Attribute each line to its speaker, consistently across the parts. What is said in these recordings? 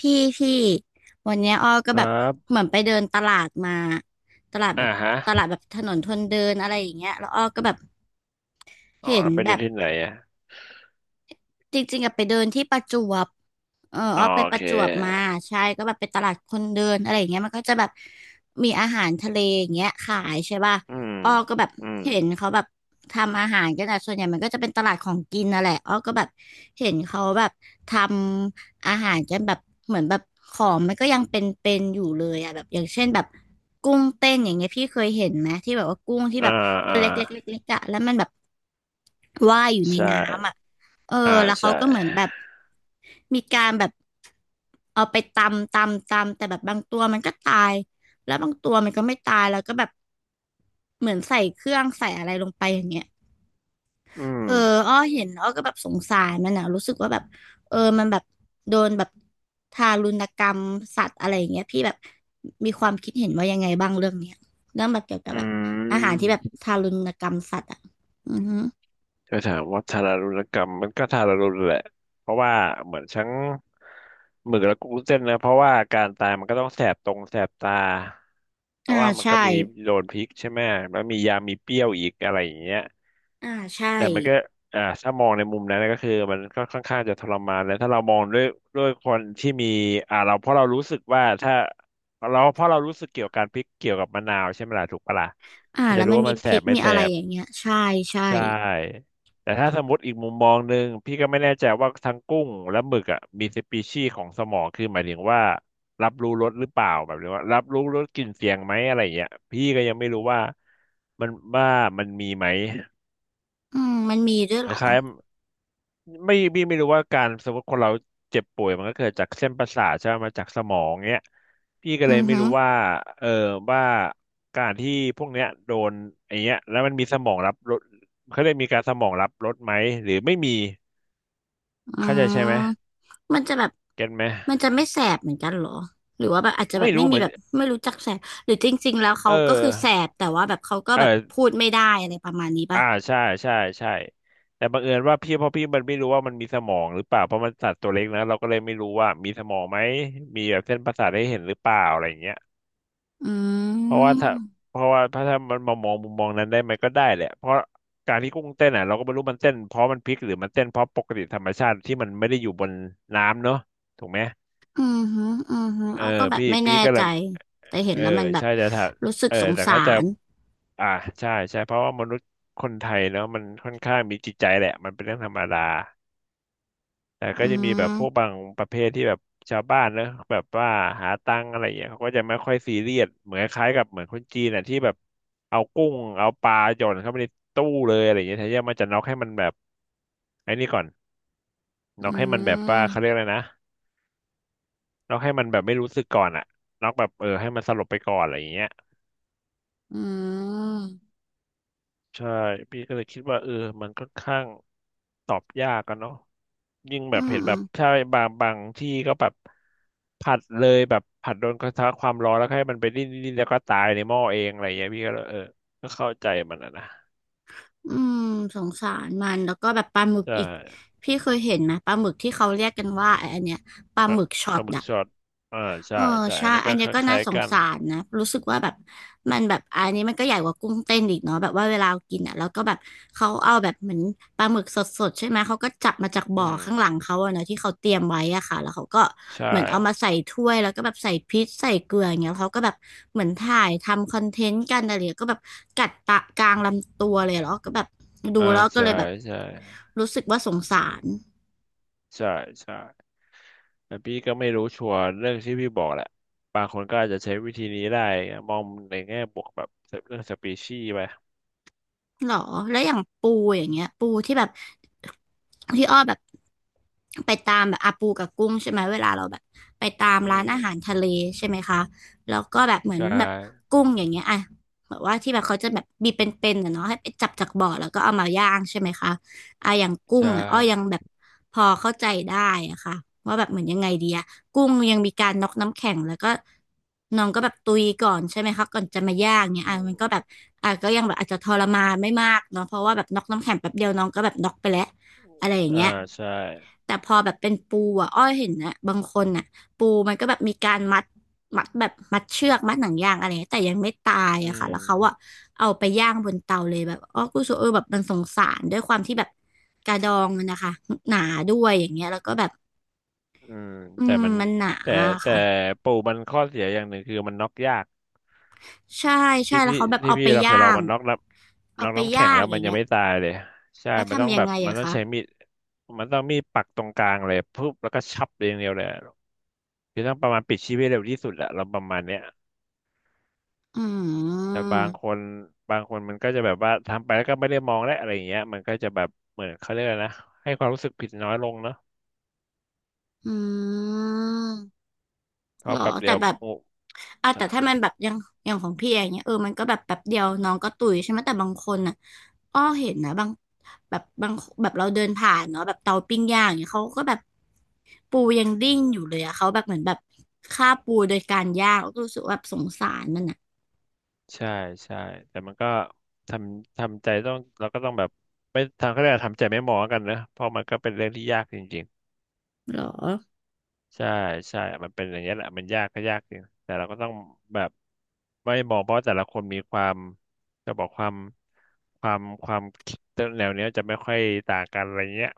Speaker 1: พี่พี่วันเนี้ยอ้อก็
Speaker 2: ค
Speaker 1: แบ
Speaker 2: รั
Speaker 1: บ
Speaker 2: บ
Speaker 1: เหมือนไปเดินตลาดมาตลาด
Speaker 2: อ่า
Speaker 1: แบบ
Speaker 2: ฮะ
Speaker 1: ตลาดแบบถนนคนเดินอะไรอย่างเงี้ยแล้วอ้อก็แบบ
Speaker 2: อ๋อ
Speaker 1: เห็น
Speaker 2: แล้วไป
Speaker 1: แบ
Speaker 2: เจอ
Speaker 1: บ
Speaker 2: ที่ไหนอ่ะ
Speaker 1: จริงๆอะไปเดินที่ประจวบเออ
Speaker 2: อ๋อ
Speaker 1: เอาไป
Speaker 2: โอ
Speaker 1: ป
Speaker 2: เค
Speaker 1: ระจวบมาใช่ก็แบบไปตลาดคนเดินอะไรอย่างเงี้ยมันก็จะแบบมีอาหารทะเลอย่างเงี้ยขายใช่ป่ะ
Speaker 2: อืม
Speaker 1: อ้อก็แบบ
Speaker 2: อืม
Speaker 1: เห็นเขาแบบทำอาหารกันอะส่วนใหญ่มันก็จะเป็นตลาดของกินนั่นแหละอ้อก็แบบเห็นเขาแบบทำอาหารกันแบบเหมือนแบบของมันก็ยังเป็นอยู่เลยอะแบบอย่างเช่นแบบกุ้งเต้นอย่างเงี้ยพี่เคยเห็นไหมที่แบบว่ากุ้งที่
Speaker 2: อ่า
Speaker 1: แบบตั
Speaker 2: อ่า
Speaker 1: วเล็กๆๆๆอะแล้วมันแบบว่ายอยู่ใน
Speaker 2: ใช่
Speaker 1: น้ำอะ เออ
Speaker 2: อ่า
Speaker 1: แล้วเขา
Speaker 2: ใช่
Speaker 1: ก็เหมือนแบบมีการแบบเอาไปตำแต่แบบบางตัวมันก็ตายแล้วบางตัวมันก็ไม่ตายแล้วก็แบบเหมือนใส่เครื่องใส่อะไรลงไปอย่างเงี้ย
Speaker 2: อืม
Speaker 1: เอออ้อเห็นอ้อก็แบบสงสารมันนะรู้สึกว่าแบบเออมันแบบโดนแบบทารุณกรรมสัตว์อะไรอย่างเงี้ยพี่แบบมีความคิดเห็นว่ายังไงบ้างเรื่องเนี้ยเรื่องแบบเกี่ยวกับ
Speaker 2: อื
Speaker 1: แบบอาหารที่
Speaker 2: ม
Speaker 1: แบบทารุณกรรมสัตว์อ่ะอือฮึ
Speaker 2: จะถามว่าทารุณกรรมมันก็ทารุณแหละ เพราะว่าเหมือนทั้งหมึกและกุ้งเส้นนะ เพราะว่าการตายมันก็ต้องแสบตรงแสบตาเพ
Speaker 1: อ่า
Speaker 2: ราะว่ามัน
Speaker 1: ใช่
Speaker 2: ก็มีโดนพริกใช่ไหมแล้วมียามีเปรี้ยวอีกอะไรอย่างเงี้ย
Speaker 1: อ่าใช่
Speaker 2: แต่มันก็ถ้ามองในมุมนั้นนะก็คือมันก็ค่อนข้างจะทรมานแล้วถ้าเรามองด้วยคนที่มีเราเพราะเรารู้สึกว่าถ้าเราเพราะเรารู้สึกเกี่ยวกับการพริกเกี่ยวกับมะนาวใช่ไหมล่ะถูกปะล่ะ
Speaker 1: อ่า
Speaker 2: มันจะ
Speaker 1: แล้ว
Speaker 2: รู้
Speaker 1: มัน
Speaker 2: ว่า
Speaker 1: มี
Speaker 2: มัน
Speaker 1: พ
Speaker 2: แส
Speaker 1: ริ
Speaker 2: บ
Speaker 1: ก
Speaker 2: ไม่
Speaker 1: มี
Speaker 2: แส
Speaker 1: อะไร
Speaker 2: บ
Speaker 1: อย่างเงี้ยใช่ใช่
Speaker 2: ใช่แต่ถ้าสมมติอีกมุมมองหนึ่งพี่ก็ไม่แน่ใจว่าทั้งกุ้งและหมึกอ่ะมีสปีชีส์ของสมองคือหมายถึงว่ารับรู้รสหรือเปล่าแบบนี้ว่ารับรู้รสกลิ่นเสียงไหมอะไรอย่างเงี้ยพี่ก็ยังไม่รู้ว่ามันว่ามันมีไหม
Speaker 1: อืมมันมีด้วย
Speaker 2: ค
Speaker 1: เหรอ
Speaker 2: ล้าย ไม่พี่ไม่รู้ว่าการสมมติคนเราเจ็บป่วยมันก็เกิดจากเส้นประสาทใช่ไหมมาจากสมองเนี้ยพี่ก็เล
Speaker 1: อื
Speaker 2: ย
Speaker 1: อ
Speaker 2: ไม่
Speaker 1: ฮึ
Speaker 2: รู้ว่าเออว่าการที่พวกเนี้ยโดนไอ้เนี้ยแล้วมันมีสมองรับรสเขาเรียกมีการสมองรับรสไหมหรือไม่มี
Speaker 1: อื
Speaker 2: เข้าใจใช่ไหม
Speaker 1: มมันจะแบบ
Speaker 2: เก็ตไหม
Speaker 1: มันจะไม่แสบเหมือนกันเหรอหรือว่าแบบอาจจะแบ
Speaker 2: ไม่
Speaker 1: บไม่
Speaker 2: รู้
Speaker 1: มี
Speaker 2: เหมือน
Speaker 1: แบบไม่รู้จักแสบหรือจริงๆแล้ว
Speaker 2: เอ
Speaker 1: เขาก็คือ
Speaker 2: อ
Speaker 1: แสบแต่ว่าแบบเขาก็
Speaker 2: เอ
Speaker 1: แบบพู
Speaker 2: อ
Speaker 1: ดไม่ได้อะไรประมาณนี้ป่ะ
Speaker 2: อ่าใช่ใช่ใช่แต่บังเอิญว่าพี่เพราะพี่มันไม่รู้ว่ามันมีสมองหรือเปล่าเพราะมันสัตว์ตัวเล็กนะเราก็เลยไม่รู้ว่ามีสมองไหมมีแบบเส้นประสาทให้เห็นหรือเปล่าอะไรอย่างเงี้ย
Speaker 1: อื
Speaker 2: เพราะว่าถ้า
Speaker 1: ม
Speaker 2: เพราะว่าถ้ามันมามองมุมมองนั้นได้ไหมก็ได้แหละเพราะการที่กุ้งเต้นอ่ะเราก็ไม่รู้มันเต้นเพราะมันพลิกหรือมันเต้นเพราะปกติธรรมชาติที่มันไม่ได้อยู่บนน้ำเนอะถูกไหม
Speaker 1: อือฮึอือฮึ
Speaker 2: เออ
Speaker 1: อ้อก็แบบ
Speaker 2: พี่
Speaker 1: ไม่แน่
Speaker 2: พี่ก็เล
Speaker 1: ใจ
Speaker 2: ย
Speaker 1: แต่เห็
Speaker 2: เอ
Speaker 1: น
Speaker 2: อ
Speaker 1: แล้วมันแบบ
Speaker 2: ใช่แต่ถ้า
Speaker 1: รู้สึก
Speaker 2: เออ
Speaker 1: สง
Speaker 2: แต่
Speaker 1: สา
Speaker 2: เขาจะ
Speaker 1: ร
Speaker 2: อ่าใช่ใช่เพราะว่ามนุษย์คนไทยเนอะมันค่อนข้างมีจิตใจแหละมันเป็นเรื่องธรรมดา แต่ก็
Speaker 1: อื
Speaker 2: จะมีแบบพวก
Speaker 1: ม
Speaker 2: บางประเภทที่แบบชาวบ้านเนอะแบบว่าหาตังค์อะไรอย่างเงี้ยเขาก็จะไม่ค่อยซีเรียสเหมือนคล้ายๆกับเหมือนคนจีนอ่ะที่แบบเอากุ้งเอาปลาหย่อนเข้าไปในตู้เลยอะไรอย่างเงี้ยแทนที่มันจะน็อกให้มันแบบไอ้นี่ก่อน
Speaker 1: อื
Speaker 2: น็อกให้มันแบบว่าเขาเรีย
Speaker 1: ม
Speaker 2: กอะไรนะน็อกให้มันแบบไม่รู้สึกก่อนอ่ะน็อกแบบเออให้มันสลบไปก่อนอะไรอย่างเงี้ย
Speaker 1: อืม
Speaker 2: ใช่พี่ก็เลยคิดว่าเออมันค่อนข้างตอบยากกันเนาะยิ่งแบบ
Speaker 1: อื
Speaker 2: เห็นแบบ
Speaker 1: ม
Speaker 2: ใช่บางที่ก็แบบผัดเลยแบบผัดโดนกระทะความร้อนแล้วให้มันไปดิ้นแล้วก็ตายในหม้อเองอะไรอย่างเงี้ยพี่ก็เลยเออก็เข้าใจมันอะนะ
Speaker 1: อืมสงสารมันแล้วก็แบบปลาหมึก
Speaker 2: ใช่
Speaker 1: อีกพี่เคยเห็นไหมปลาหมึกที่เขาเรียกกันว่าไอ้อันเนี้ยปลา
Speaker 2: ป
Speaker 1: ห
Speaker 2: ลา
Speaker 1: มึกช็อ
Speaker 2: ป
Speaker 1: ต
Speaker 2: ลาหมึก
Speaker 1: อะ
Speaker 2: ช็อตอ่าใช่
Speaker 1: เออ
Speaker 2: ใช่อัน
Speaker 1: ใช่
Speaker 2: นั้น
Speaker 1: อั
Speaker 2: ก็
Speaker 1: น
Speaker 2: ค
Speaker 1: เนี้ยก็น่า
Speaker 2: ล้าย
Speaker 1: ส
Speaker 2: ๆ
Speaker 1: ง
Speaker 2: กัน
Speaker 1: สารนะรู้สึกว่าแบบมันแบบอันนี้มันก็ใหญ่กว่ากุ้งเต้นอีกเนาะแบบว่าเวลากินอ่ะแล้วก็แบบเขาเอาแบบเหมือนปลาหมึกสดๆใช่ไหมเขาก็จับมาจาก
Speaker 2: อื
Speaker 1: บ่อ
Speaker 2: ม
Speaker 1: ข้างหลังเขาอะเนาะที่เขาเตรียมไว้อะค่ะแล้วเขาก็
Speaker 2: ใช่
Speaker 1: เหมือนเอามาใส่ถ้วยแล้วก็แบบใส่พริกใส่เกลืออย่างเงี้ยเขาก็แบบเหมือนถ่ายทำคอนเทนต์กันอะไรอย่างเงี้ยก็แบบกัดตะกลางลำตัวเลยแล้วก็แบบดู
Speaker 2: อ่า
Speaker 1: แล้วก็
Speaker 2: ใช่
Speaker 1: เลยแบบ
Speaker 2: ใช่
Speaker 1: รู้สึกว่าสงสาร
Speaker 2: ใช่ใช่ แต่พี่ก็ไม่รู้ชัวร์เรื่องที่พี่บอกแหละบางคนก็อาจจะใช้วิธีนี้ได้มองในแง่บวกแบบเรื่องสปีชีส์ไป
Speaker 1: หรอแล้วอย่างปูอย่างเงี้ยปูที่แบบที่อ้อแบบไปตามแบบอาปูกับกุ้งใช่ไหมเวลาเราแบบไปตาม
Speaker 2: อื
Speaker 1: ร้าน
Speaker 2: ม
Speaker 1: อาหารทะเลใช่ไหมคะแล้วก็แบบเหมื
Speaker 2: ใช
Speaker 1: อนแบบ
Speaker 2: ่
Speaker 1: กุ้งอย่างเงี้ยอ่ะแบบว่าที่แบบเขาจะแบบบีเป็นๆนะเนาะให้ไปจับจากบ่อแล้วก็เอามาย่างใช่ไหมคะ อ่ะอย่างกุ้ง
Speaker 2: ใช่
Speaker 1: อ่ะอ้อยังแบบพอเข้าใจได้อะค่ะว่าแบบเหมือนยังไงดีอะกุ้งยังมีการน็อกน้ำแข็งแล้วก็น้องก็แบบตุยก่อนใช่ไหมคะก่อนจะมาย่างเนี่ย
Speaker 2: อื
Speaker 1: อ่ะมั
Speaker 2: ม
Speaker 1: นก็แบบอ่ะก็ยังแบบอาจจะทรมานไม่มากเนาะเพราะว่าแบบน็อกน้ำแข็งแป๊บเดียวน้องก็แบบน็อกไปแล้วอะไรอย่าง
Speaker 2: อ่า
Speaker 1: เงี้ย
Speaker 2: ใช่
Speaker 1: แต่พอแบบเป็นปูอ่ะอ้อยเห็นนะบางคนอ่ะปูมันก็แบบมีการมัดมัดแบบมัดเชือกมัดหนังยางอะไรเงี้ยแต่ยังไม่ตาย
Speaker 2: อื
Speaker 1: อะค่ะ
Speaker 2: ม
Speaker 1: แล้วเขาอ่ะเอาไปย่างบนเตาเลยแบบอ้อกูรู้สึกเออแบบมันสงสารด้วยความที่แบบกระดองมันนะคะหนาด้วยอย่างเงี้ยแล้วก็แบบ
Speaker 2: อืม
Speaker 1: อื
Speaker 2: แต่
Speaker 1: ม
Speaker 2: มัน
Speaker 1: มันหนา
Speaker 2: แต่
Speaker 1: อะ
Speaker 2: แต่
Speaker 1: ค่ะ
Speaker 2: ปูมันข้อเสียอย่างหนึ่งคือมันน็อกยาก
Speaker 1: ใช่ใช่
Speaker 2: ที่
Speaker 1: แล้ว
Speaker 2: พี่
Speaker 1: เขาแบบ
Speaker 2: ที่
Speaker 1: เอาไป
Speaker 2: พี่เราเค
Speaker 1: ย่า
Speaker 2: ยเรา
Speaker 1: ง
Speaker 2: มันน็อกน้ำแข็งแล้ว
Speaker 1: อ
Speaker 2: มั
Speaker 1: ย่า
Speaker 2: น
Speaker 1: ง
Speaker 2: ยั
Speaker 1: เงี้
Speaker 2: ง
Speaker 1: ย
Speaker 2: ไม่ตายเลย ใช่
Speaker 1: แล้ว
Speaker 2: มันต้อง
Speaker 1: ทำยั
Speaker 2: แบ
Speaker 1: ง
Speaker 2: บ
Speaker 1: ไง
Speaker 2: มัน
Speaker 1: อะ
Speaker 2: ต้อง
Speaker 1: คะ
Speaker 2: ใช้มีดมันต้องมีดปักตรงกลางเลยปุ๊บแล้วก็ชับเรียางเดียวเลย คือต้องประมาณปิดชีพให้เร็วที่สุดแหละเราประมาณเนี้ย
Speaker 1: อื
Speaker 2: แต่
Speaker 1: ม
Speaker 2: บางคนมันก็จะแบบว่าทำไปแล้วก็ไม่ได้มองและอะไรอย่างเงี้ยมันก็จะแบบเหมือนเขาเรียกอะไรนะให้ความรู้สึกผิดน้อยลงเนาะ
Speaker 1: อืม
Speaker 2: เพ
Speaker 1: หร
Speaker 2: ราะ
Speaker 1: อ
Speaker 2: แป๊บเดี
Speaker 1: แต่
Speaker 2: ยว
Speaker 1: แบบ
Speaker 2: โอ้
Speaker 1: อ่ะแต่
Speaker 2: จ้า
Speaker 1: ถ้ามันแบบอย่างอย่างของพี่อย่างเงี้ยเออมันก็แบบแป๊บเดียวน้องก็ตุยใช่ไหมแต่บางคนน่ะอ้อเห็นนะบางแบบบางแบบเราเดินผ่านเนาะแบบเตาปิ้งย่างอย่างเงี้ยเขาก็แบบปูยังดิ้นอยู่เลยอะเขาแบบเหมือนแบบฆ่าปูโดยการย่างก็รู้สึกว่าแบบสงสารมันอะ
Speaker 2: ใช่ใช่แต่มันก็ททำใจต้องเราก็ต้องแบบไม่ทางเขาเรียกอะไรทำใจไม่มองแล้วกันนะเพราะมันก็เป็นเรื่องที่ยากจริงๆ
Speaker 1: หรอ
Speaker 2: ใช่ใช่มันเป็นอย่างเี้ยแหละมันยากก็ยากจริงแต่เราก็ต้องแบบไม่มองเพราะแต่ละคนมีความจะบอกความความคิดแนวเนี้ยจะไม่ค่อยต่างกันอะไรเงี้ย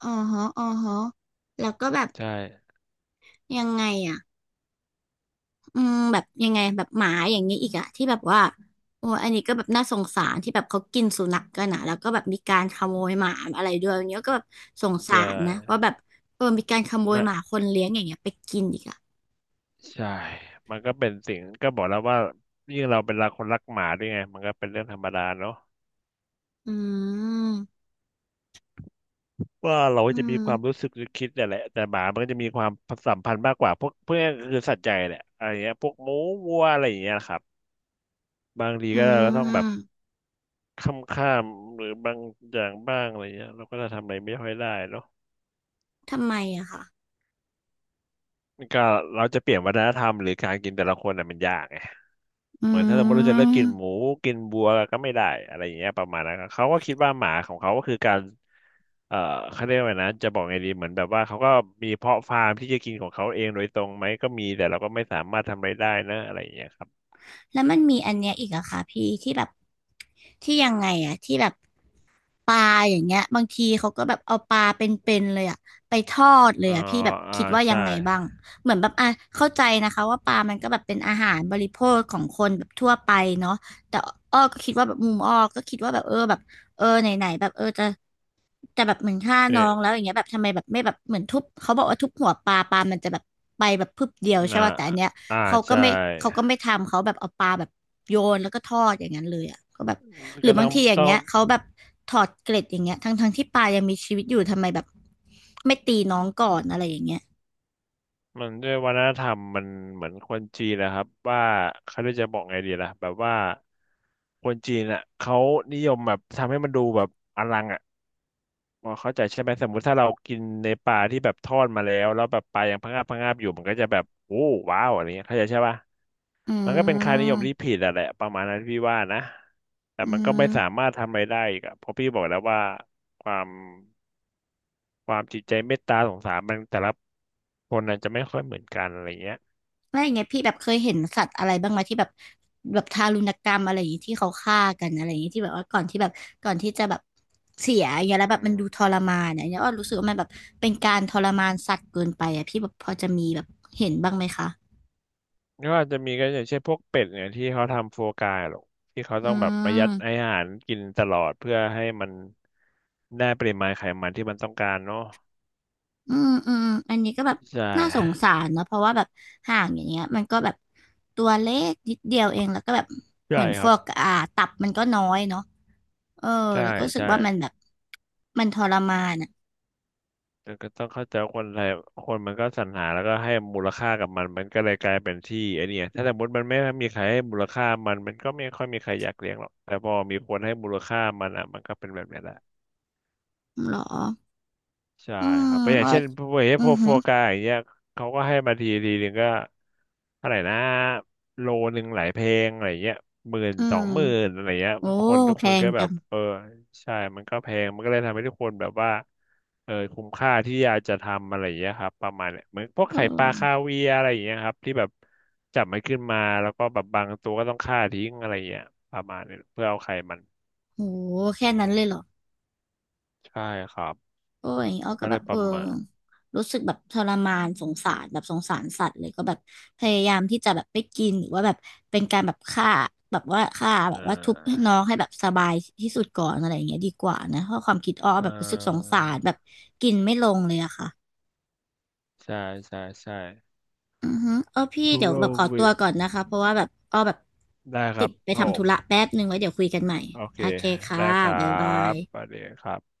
Speaker 1: อ๋อฮะแล้วก็แบบ
Speaker 2: ใช่
Speaker 1: ยังไงอะ อืมแบบยังไงแบบหมาอย่างนี้อีกอะที่แบบว่าโอ้อันนี้ก็แบบน่าสงสารที่แบบเขากินสุนัขกันอะแล้วก็แบบมีการขโมยหมาอะไรด้วยอย่างเงี้ยก็แบบสงสา
Speaker 2: จะ
Speaker 1: รนะว่าแบบเออมีการขโมย
Speaker 2: ไม่
Speaker 1: หมาคนเลี้ยงอย่างเงี้ยไปกินอีกอะ
Speaker 2: ใช่มันก็เป็นสิ่งก็บอกแล้วว่ายิ่งเราเป็นรักคนรักหมาด้วยไงมันก็เป็นเรื่องธรรมดาเนาะ
Speaker 1: อืม
Speaker 2: ว่าเรา
Speaker 1: อื
Speaker 2: จะมี
Speaker 1: ม
Speaker 2: ความรู้สึกหรือคิดเนี่ยแหละแต่หมามันก็จะมีความสัมพันธ์มากกว่าพวกเพื่อนคือสัตว์ใหญ่แหละอะไรเงี้ยพวกหมูวัวอะไรอย่างเงี้ยนะครับบางที
Speaker 1: อื
Speaker 2: ก็เราก็ต้องแบบ
Speaker 1: ม
Speaker 2: ค่ำค่ำหรือบางอย่างบ้างอะไรเงี้ยเราก็จะทำอะไรไม่ค่อยได้เนาะ
Speaker 1: ทำไมอะคะ
Speaker 2: ก็เราจะเปลี่ยนวัฒนธรรมหรือการกินแต่ละคนน่ะมันยากไงเหมือนถ้าสม
Speaker 1: อื
Speaker 2: มติเราจะเลิกกิน
Speaker 1: ม
Speaker 2: หมูกินบัวก็ไม่ได้อะไรอย่างเงี้ยประมาณนั้นครับเขาก็คิดว่าหมาของเขาก็คือการเอ่อเขาเรียกว่าไงนะจะบอกไงดีเหมือนแบบว่าเขาก็มีเพาะฟาร์มที่จะกินของเขาเองโดยตรงไหมก็มีแต่เราก็ไม่สามารถทำอะไรได้นะอะไรอย่างเงี้ยครับ
Speaker 1: แล้วมันมีอันเนี้ยอีกอะค่ะพี่ที่แบบที่ยังไงอะที่แบบปลาอย่างเงี้ยบางทีเขาก็แบบเอาปลาเป็นๆเลยอะไปทอดเล
Speaker 2: อ๋
Speaker 1: ย
Speaker 2: อ
Speaker 1: อะพี่แบบ
Speaker 2: อ่า
Speaker 1: คิดว่ายั
Speaker 2: ใช่
Speaker 1: งไงบ้างเหมือนแบบอ่ะเข้าใจนะคะว่าปลามันก็แบบเป็นอาหารบริโภคของคนแบบทั่วไปเนาะแต่อ้อก็คิดว่าแบบมุมอ้อก็คิดว่าแบบเออแบบเออไหนๆแบบเออจะ แต่แบบเหมือนฆ่าน้
Speaker 2: เนี่ย
Speaker 1: องแล้วอย่างเงี้ยแบบทำไมแบบไม่แบบเหมือนทุบเขาบอกว่าทุบหัวปลาปลามันจะแบบไปแบบพึบเดียวใช่
Speaker 2: นะ
Speaker 1: ป่ะแต่อันเนี้ย
Speaker 2: อ่า
Speaker 1: เขาก็
Speaker 2: ใช่
Speaker 1: ไม่เขาก็ไม่ทำเขาแบบเอาปลาแบบโยนแล้วก็ทอดอย่างนั้นเลยอ่ะก็แบบหรือ
Speaker 2: ก็
Speaker 1: บา
Speaker 2: ต้อ
Speaker 1: ง
Speaker 2: ง
Speaker 1: ทีอย่าง
Speaker 2: ต้อง
Speaker 1: เงี้ยเขาแบบถอดเกล็ดอย่างเงี้ยทั้งที่ปลายังมีชีวิตอยู่ทำไมแบบไม่ตีน้องก่อนอะไรอย่างเงี้ย
Speaker 2: มันด้วยวัฒนธรรมมันเหมือนคนจีนนะครับว่าเขาเรียกจะบอกไงดีล่ะแบบว่าคนจีนอ่ะเขานิยมแบบทำให้มันดูแบบอลังอ่ะพอเข้าใจใช่ไหมสมมุติถ้าเรากินในปลาที่แบบทอดมาแล้วแล้วแบบปลายังพะงาบพะงาบอยู่มันก็จะแบบโอ้ว้าวอะไรเงี้ยเข้าใจใช่ปะ
Speaker 1: อื
Speaker 2: มันก็เป็นค่านิยมที่
Speaker 1: ม
Speaker 2: ผิดอะแหละประมาณนั้นพี่ว่านะแต่
Speaker 1: อื
Speaker 2: มันก็ไม่
Speaker 1: ม
Speaker 2: สามารถทำอะไรได้อีกอะเพราะพี่บอกแล้วว่าความความจิตใจเมตตาสงสารมันแต่ละคนน่ะจะไม่ค่อยเหมือนกันอะไรเงี้ย
Speaker 1: แล้วอย่างเงี้ยพี่แบบเคยเห็นสัตว์อะไรบ้างไหมที่แบบแบบทารุณกรรมอะไรอย่างงี้ที่เขาฆ่ากันอะไรอย่างงี้ที่แบบว่าก่อนที่แบบก่อนที่จะแบบเสียอย่างเงี้ยแล้ว
Speaker 2: อื
Speaker 1: แบบมัน
Speaker 2: ม
Speaker 1: ดูทรมานเนี่ยเนี่ยอ้อรู้สึกว่ามันแบบเป็นการทรมานสัตว์เกินไปอ่ะพี่แบบพอจะมีแบบเห็นบ้างไหมคะ
Speaker 2: ก็อาจจะมีก็อย่างเช่นพวกเป็ดเนี่ยที่เขาทำโฟกาหรอกที่เขา
Speaker 1: อื
Speaker 2: ต้องแบบประหยั
Speaker 1: ม
Speaker 2: ดอาหารกินตลอดเพื่อให้มันได้ปริมาณไขมันที่มันต้องการเนาะ
Speaker 1: อืมอืมอันนี้ก็แบบ
Speaker 2: ใช่
Speaker 1: น่าสงสารเนอะเพราะว่าแบบห่างอย่างเงี้ยมันก็แบบตัวเล็กนิดเดียวเองแล้วก็แบบเห
Speaker 2: ใช่
Speaker 1: มือน
Speaker 2: ค
Speaker 1: ฟ
Speaker 2: รับ
Speaker 1: อกอ่าตับมันก็น้อยเนาะเออ
Speaker 2: ใช่
Speaker 1: แล้วก็รู้สึก
Speaker 2: ใช่
Speaker 1: ว่ามันแบบมันทรมาน
Speaker 2: แต่ก็ต้องเข้าใจว่าคนไทยคนมันก็สรรหาแล้วก็ให้มูลค่ากับมันมันก็เลยกลายเป็นที่ไอเนี่ยถ้าสมมติมันไม่มีใครให้มูลค่ามันมันก็ไม่ค่อยมีใครอยากเลี้ยงหรอกแต่พอมีคนให้มูลค่ามันอ่ะมันก็เป็นแบบเนี้ยแหละ
Speaker 1: เหรอ
Speaker 2: ใช่
Speaker 1: อืม
Speaker 2: ครับเพราะอย่า
Speaker 1: อ้
Speaker 2: ง
Speaker 1: อ
Speaker 2: เช่นพวกเฮ
Speaker 1: อื
Speaker 2: พ
Speaker 1: อ
Speaker 2: วก
Speaker 1: หื
Speaker 2: โฟ
Speaker 1: อ
Speaker 2: กาอย่างเงี้ยเขาก็ให้มาทีทีหนึ่งก็เท่าไหร่นะโลหนึ่งหลายเพลงอะไรเงี้ยหมื่น
Speaker 1: อื
Speaker 2: สอ
Speaker 1: ม
Speaker 2: งหมื่นอะไรเงี้ย
Speaker 1: โอ้
Speaker 2: คนทุก
Speaker 1: แพ
Speaker 2: คน
Speaker 1: ง
Speaker 2: ก็แบ
Speaker 1: จั
Speaker 2: บ
Speaker 1: ง
Speaker 2: เออใช่มันก็แพงมันก็เลยทำให้ทุกคนแบบว่าเออคุ้มค่าที่อยากจะทำอะไรเงี้ยครับประมาณเนียเหมือนพวก
Speaker 1: เอ
Speaker 2: ไข่ปลาคา
Speaker 1: อ
Speaker 2: เวียร์อะไรเงี้ยครับที่แบบจับมันขึ้นมาแล้วก็แบบบางตัวก็ต้องฆ่าทิ้งอะไรเงี้ยประมาณเนี้ยเพื่อเอาไข่มัน
Speaker 1: โหแค่นั้นเลยเหรอ
Speaker 2: ใช่ครับ
Speaker 1: โอ้ยอ้อ
Speaker 2: มัน
Speaker 1: ก็
Speaker 2: ก็
Speaker 1: แบ
Speaker 2: เล
Speaker 1: บ
Speaker 2: ยป
Speaker 1: เออ
Speaker 2: ระมาณ
Speaker 1: รู้สึกแบบทรมานสงสารแบบสงสารสัตว์เลยก็แบบพยายามที่จะแบบไปกินหรือว่าแบบเป็นการแบบฆ่าแบบว่าฆ่าแบ
Speaker 2: อ่
Speaker 1: บว่าทุบให้
Speaker 2: า
Speaker 1: น้องให้แบบสบายที่สุดก่อนอะไรอย่างเงี้ยดีกว่านะเพราะความคิดอ้อ
Speaker 2: เอ่
Speaker 1: แบบรู้สึกสงสารแบบ
Speaker 2: อ
Speaker 1: กินไม่ลงเลยอะค่ะ
Speaker 2: ใช่ใช่ใช่
Speaker 1: อือฮึเออพี่
Speaker 2: ทุก
Speaker 1: เดี๋ยว
Speaker 2: โล
Speaker 1: แบบข
Speaker 2: ก
Speaker 1: อตั
Speaker 2: วิ
Speaker 1: วก่อนนะคะ เพราะว่าแบบอ้อแบบ
Speaker 2: ได้ค
Speaker 1: ติ
Speaker 2: รั
Speaker 1: ด
Speaker 2: บ
Speaker 1: ไป
Speaker 2: ครับผ
Speaker 1: ทำธุระ
Speaker 2: ม
Speaker 1: แป๊บนึงไว้เดี๋ยวคุยกันใหม่
Speaker 2: โอเค
Speaker 1: โอเคค่ะ
Speaker 2: ได้ครั
Speaker 1: บ๊ายบา
Speaker 2: บป
Speaker 1: ย
Speaker 2: ระเดี๋ยวครับ